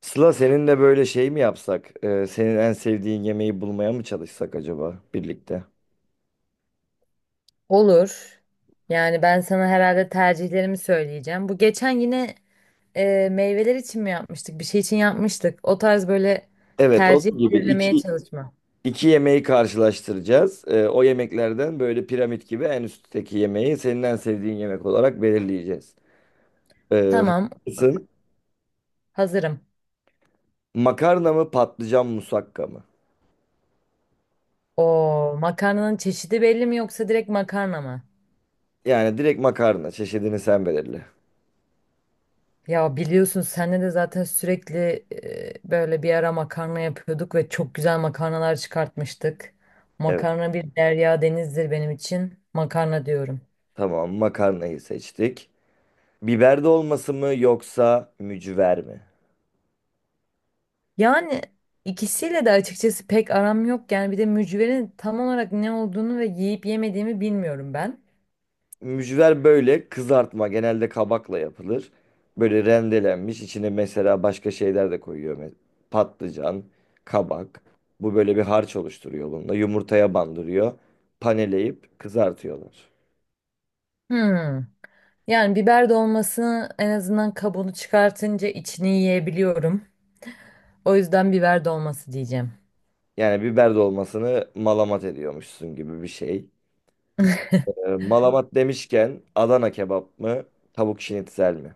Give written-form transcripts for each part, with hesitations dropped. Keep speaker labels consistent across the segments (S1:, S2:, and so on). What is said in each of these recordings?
S1: Sıla, seninle böyle şey mi yapsak? Senin en sevdiğin yemeği bulmaya mı çalışsak acaba birlikte?
S2: Olur. Yani ben sana herhalde tercihlerimi söyleyeceğim. Bu geçen yine meyveler için mi yapmıştık? Bir şey için yapmıştık. O tarz böyle
S1: Evet,
S2: tercih
S1: onun gibi
S2: belirlemeye çalışma.
S1: iki yemeği karşılaştıracağız. O yemeklerden böyle piramit gibi en üstteki yemeği senin en sevdiğin yemek olarak belirleyeceğiz. Ee,
S2: Tamam,
S1: Haklısın.
S2: hazırım.
S1: Makarna mı patlıcan musakka mı?
S2: O makarnanın çeşidi belli mi yoksa direkt makarna mı?
S1: Yani direkt makarna çeşidini sen belirle.
S2: Ya biliyorsun senle de zaten sürekli böyle bir ara makarna yapıyorduk ve çok güzel makarnalar çıkartmıştık.
S1: Evet,
S2: Makarna bir derya denizdir benim için. Makarna diyorum.
S1: tamam, makarnayı seçtik. Biber dolması mı yoksa mücver mi?
S2: Yani ikisiyle de açıkçası pek aram yok. Yani bir de mücverin tam olarak ne olduğunu ve yiyip yemediğimi bilmiyorum ben.
S1: Mücver böyle kızartma, genelde kabakla yapılır. Böyle rendelenmiş, içine mesela başka şeyler de koyuyor. Patlıcan, kabak. Bu böyle bir harç oluşturuyor bununla. Yumurtaya bandırıyor. Paneleyip kızartıyorlar.
S2: Hmm. Yani biber dolmasını en azından kabuğunu çıkartınca içini yiyebiliyorum. O yüzden biber dolması diyeceğim.
S1: Yani biber dolmasını malamat ediyormuşsun gibi bir şey. Malamat demişken, Adana kebap mı? Tavuk şinitzel mi?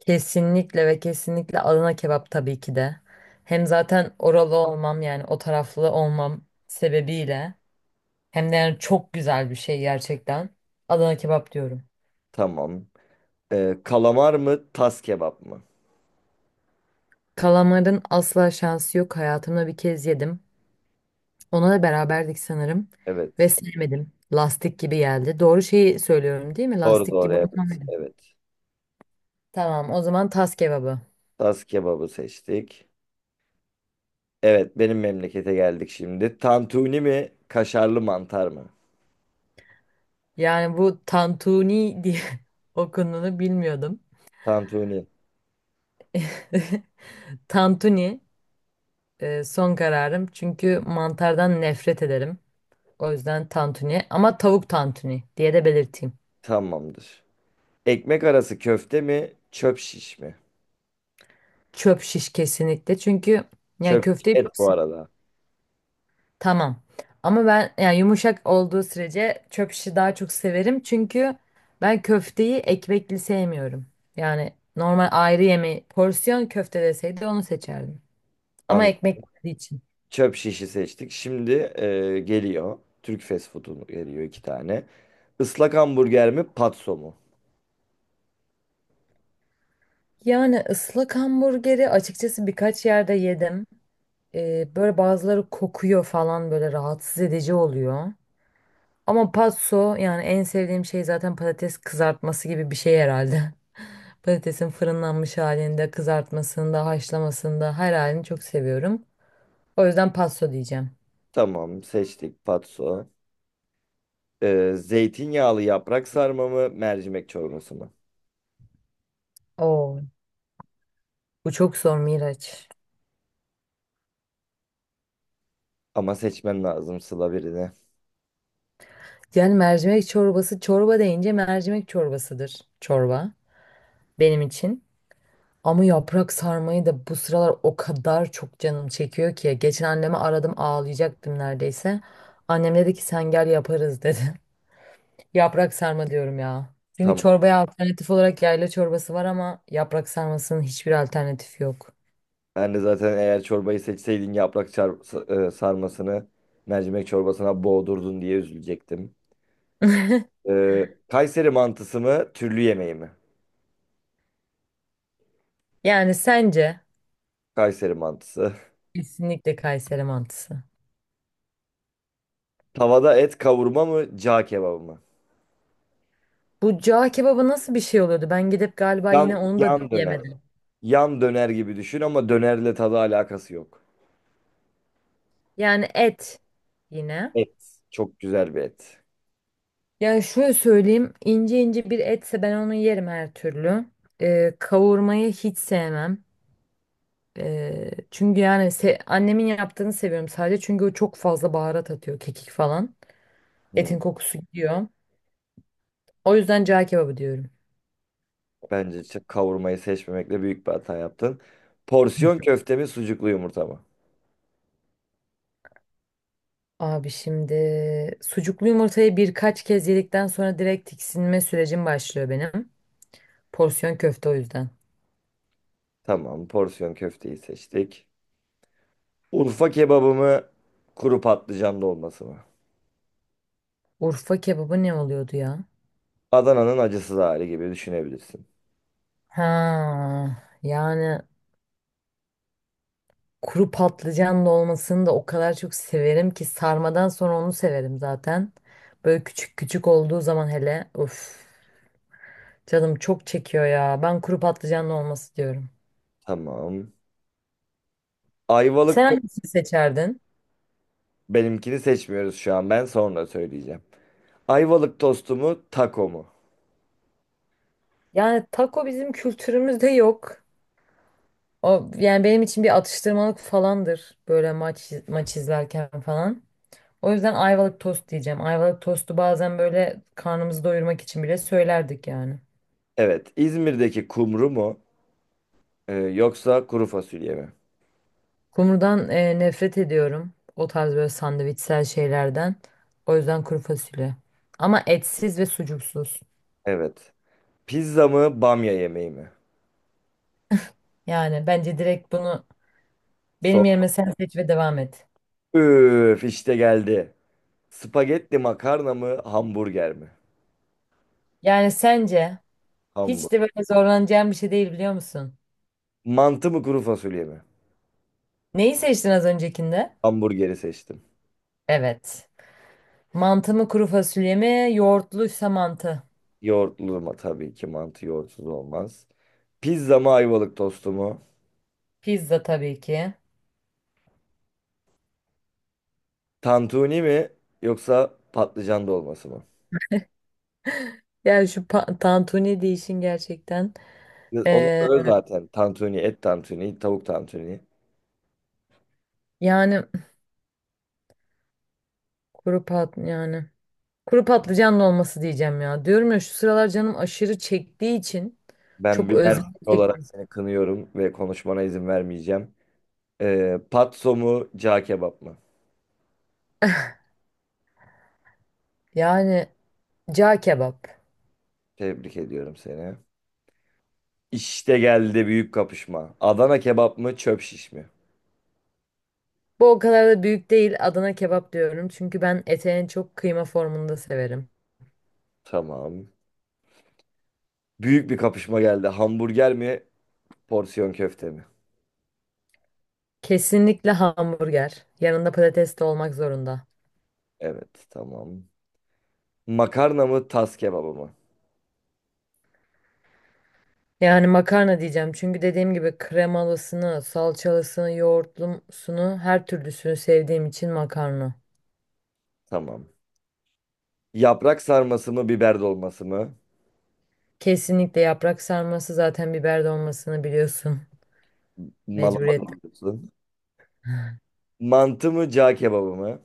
S2: Kesinlikle ve kesinlikle Adana kebap tabii ki de. Hem zaten oralı olmam yani o taraflı olmam sebebiyle. Hem de yani çok güzel bir şey gerçekten. Adana kebap diyorum.
S1: Tamam. Kalamar mı? Tas kebap mı?
S2: Kalamarın asla şansı yok. Hayatımda bir kez yedim. Ona da beraberdik sanırım. Ve
S1: Evet.
S2: sevmedim. Lastik gibi geldi. Doğru şeyi söylüyorum değil mi?
S1: Doğru
S2: Lastik
S1: doğru,
S2: gibi.
S1: evet. Evet.
S2: Tamam o zaman tas kebabı.
S1: Tas kebabı seçtik. Evet, benim memlekete geldik şimdi. Tantuni mi, kaşarlı mantar mı?
S2: Yani bu tantuni diye okunduğunu bilmiyordum.
S1: Tantuni.
S2: Tantuni son kararım. Çünkü mantardan nefret ederim. O yüzden tantuni. Ama tavuk tantuni diye de belirteyim.
S1: Tamamdır. Ekmek arası köfte mi, çöp şiş mi?
S2: Çöp şiş kesinlikle. Çünkü yani
S1: Çöp
S2: köfteyi
S1: et bu
S2: çok.
S1: arada.
S2: Tamam. Ama ben yani yumuşak olduğu sürece çöp işi daha çok severim. Çünkü ben köfteyi ekmekli sevmiyorum. Yani normal ayrı yemeği porsiyon köfte deseydi onu seçerdim. Ama
S1: An
S2: ekmekli olduğu için.
S1: Çöp şişi seçtik. Şimdi geliyor. Türk fast food'u geliyor iki tane. Islak hamburger mi, patso mu?
S2: Yani ıslak hamburgeri açıkçası birkaç yerde yedim. Böyle bazıları kokuyor falan böyle rahatsız edici oluyor. Ama patso yani en sevdiğim şey zaten patates kızartması gibi bir şey herhalde. Patatesin fırınlanmış halinde, kızartmasında, haşlamasında her halini çok seviyorum. O yüzden pasto diyeceğim.
S1: Tamam, seçtik patso. E, zeytinyağlı yaprak sarma mı, mercimek çorbası mı?
S2: Oo, bu çok zor Miraç.
S1: Ama seçmen lazım Sıla, birini.
S2: Yani mercimek çorbası, çorba deyince mercimek çorbasıdır çorba benim için. Ama yaprak sarmayı da bu sıralar o kadar çok canım çekiyor ki. Geçen anneme aradım ağlayacaktım neredeyse. Annem dedi ki sen gel yaparız dedi. Yaprak sarma diyorum ya. Çünkü
S1: Tamam.
S2: çorbaya alternatif olarak yayla çorbası var ama yaprak sarmasının hiçbir alternatifi yok.
S1: Ben de zaten eğer çorbayı seçseydin yaprak çar- sa- e, sarmasını mercimek çorbasına boğdurdun diye üzülecektim. Kayseri mantısı mı, türlü yemeği mi?
S2: Yani sence
S1: Kayseri mantısı.
S2: kesinlikle Kayseri mantısı.
S1: Tavada et kavurma mı, cağ kebabı mı?
S2: Bu cağ kebabı nasıl bir şey oluyordu? Ben gidip galiba yine onu da
S1: Yan döner.
S2: yemedim.
S1: Yan döner gibi düşün ama dönerle tadı alakası yok.
S2: Yani et yine.
S1: Et. Çok güzel bir et.
S2: Yani şöyle söyleyeyim ince ince bir etse ben onu yerim her türlü. Kavurmayı hiç sevmem. Çünkü yani annemin yaptığını seviyorum sadece çünkü o çok fazla baharat atıyor kekik falan.
S1: Hmm.
S2: Etin kokusu gidiyor. O yüzden cağ kebabı diyorum.
S1: Bence kavurmayı seçmemekle büyük bir hata yaptın. Porsiyon köfte mi, sucuklu yumurta mı?
S2: Abi şimdi sucuklu yumurtayı birkaç kez yedikten sonra direkt tiksinme sürecim başlıyor benim. Porsiyon köfte o yüzden.
S1: Tamam, porsiyon köfteyi seçtik. Urfa kebabı mı, kuru patlıcanlı dolması mı?
S2: Urfa kebabı ne oluyordu ya?
S1: Adana'nın acısız hali gibi düşünebilirsin.
S2: Ha, yani kuru patlıcanlı olmasını da o kadar çok severim ki sarmadan sonra onu severim zaten. Böyle küçük küçük olduğu zaman hele uf canım çok çekiyor ya. Ben kuru patlıcanlı olması diyorum.
S1: Tamam.
S2: Sen
S1: Ayvalık to-
S2: hangisini seçerdin?
S1: Benimkini seçmiyoruz şu an. Ben sonra söyleyeceğim. Ayvalık tostu mu, taco mu?
S2: Yani taco bizim kültürümüzde yok. O yani benim için bir atıştırmalık falandır böyle maç maç izlerken falan. O yüzden Ayvalık tost diyeceğim. Ayvalık tostu bazen böyle karnımızı doyurmak için bile söylerdik yani.
S1: Evet. İzmir'deki kumru mu, yoksa kuru fasulye mi?
S2: Kumrudan nefret ediyorum. O tarz böyle sandviçsel şeylerden. O yüzden kuru fasulye. Ama etsiz ve sucuksuz.
S1: Evet. Pizza mı, bamya yemeği mi?
S2: Yani bence direkt bunu
S1: Son.
S2: benim yerime sen seç ve devam et.
S1: Üf, işte geldi. Spagetti makarna mı, hamburger mi?
S2: Yani sence hiç de
S1: Hamburger.
S2: böyle zorlanacağım bir şey değil biliyor musun?
S1: Mantı mı, kuru fasulye mi?
S2: Neyi seçtin az öncekinde?
S1: Hamburgeri seçtim.
S2: Evet. Mantı mı kuru fasulye mi? Yoğurtluysa mantı.
S1: Yoğurtlu mu? Tabii ki mantı yoğurtsuz olmaz. Pizza mı, ayvalık tostu mu?
S2: Pizza tabii ki.
S1: Tantuni mi yoksa patlıcan dolması mı?
S2: Yani şu tantuni deyişin gerçekten.
S1: Onu
S2: Ee,
S1: söyle zaten. Tantuni, et tantuni, tavuk tantuni.
S2: yani kuru pat yani. Kuru patlıcanlı olması diyeceğim ya. Diyorum ya şu sıralar canım aşırı çektiği için
S1: Ben
S2: çok
S1: bir Mersin
S2: özlem
S1: olarak
S2: çektim.
S1: seni kınıyorum ve konuşmana izin vermeyeceğim. Patso mu, cağ kebap mı?
S2: Yani cağ kebap.
S1: Tebrik ediyorum seni. İşte geldi büyük kapışma. Adana kebap mı, çöp şiş mi?
S2: Bu o kadar da büyük değil. Adana kebap diyorum. Çünkü ben ete en çok kıyma formunda severim.
S1: Tamam. Büyük bir kapışma geldi. Hamburger mi, porsiyon köfte mi?
S2: Kesinlikle hamburger. Yanında patates de olmak zorunda.
S1: Evet, tamam. Makarna mı, tas kebabı mı?
S2: Yani makarna diyeceğim. Çünkü dediğim gibi kremalısını, salçalısını, yoğurtlusunu, her türlüsünü sevdiğim için makarna.
S1: Tamam. Yaprak sarması mı, biber dolması mı?
S2: Kesinlikle yaprak sarması zaten biber dolmasını biliyorsun. Mecburiyet.
S1: Malama diyorsun. Mantı mı, cağ kebabı mı?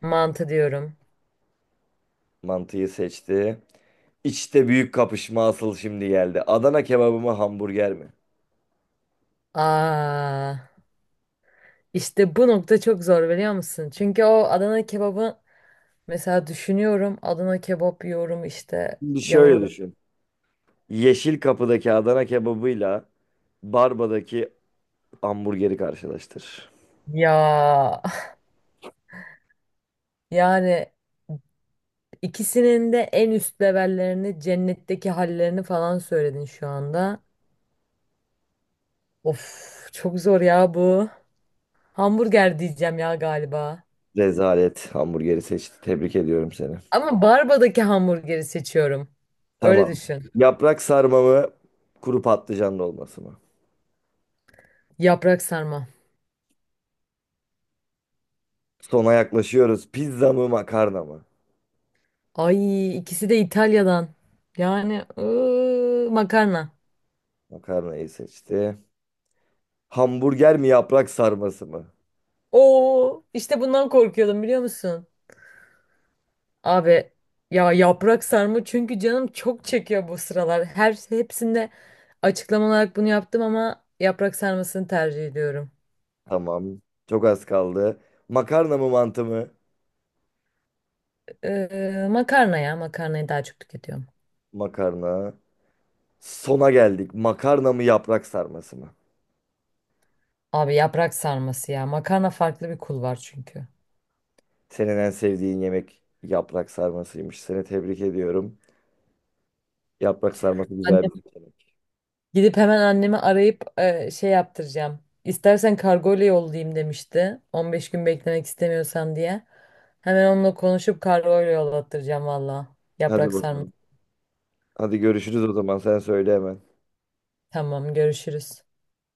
S2: Mantı diyorum.
S1: Mantıyı seçti. İçte büyük kapışma asıl şimdi geldi. Adana kebabı mı, hamburger mi?
S2: Aa, işte bu nokta çok zor biliyor musun? Çünkü o Adana kebabı mesela düşünüyorum. Adana kebap yiyorum işte
S1: Şimdi şöyle
S2: yanında.
S1: düşün. Yeşil Kapı'daki Adana kebabıyla Barba'daki hamburgeri karşılaştır.
S2: Ya yani ikisinin de en üst levellerini, cennetteki hallerini falan söyledin şu anda. Of çok zor ya bu. Hamburger diyeceğim ya galiba.
S1: Rezalet hamburgeri seçti. Tebrik ediyorum seni.
S2: Ama Barba'daki hamburgeri seçiyorum. Öyle
S1: Tamam.
S2: düşün.
S1: Yaprak sarma mı, kuru patlıcan dolması mı?
S2: Yaprak sarma.
S1: Sona yaklaşıyoruz. Pizza mı makarna mı?
S2: Ay ikisi de İtalya'dan. Yani makarna.
S1: Makarnayı seçti. Hamburger mi, yaprak sarması mı?
S2: Oo işte bundan korkuyordum biliyor musun? Abi ya yaprak sarma çünkü canım çok çekiyor bu sıralar. Her hepsinde açıklama olarak bunu yaptım ama yaprak sarmasını tercih ediyorum.
S1: Tamam. Çok az kaldı. Makarna mı mantı mı?
S2: Makarna ya makarnayı daha çok tüketiyorum.
S1: Makarna. Sona geldik. Makarna mı yaprak sarması mı?
S2: Abi yaprak sarması ya. Makarna farklı bir kul var çünkü.
S1: Senin en sevdiğin yemek yaprak sarmasıymış. Seni tebrik ediyorum. Yaprak sarması güzel
S2: Annem,
S1: bir yemek.
S2: gidip hemen annemi arayıp şey yaptıracağım. İstersen kargoyla yollayayım demişti. 15 gün beklemek istemiyorsan diye. Hemen onunla konuşup kargoyla yollattıracağım valla.
S1: Hadi
S2: Yaprak sarması.
S1: bakalım. Hadi görüşürüz o zaman. Sen söyle hemen.
S2: Tamam görüşürüz.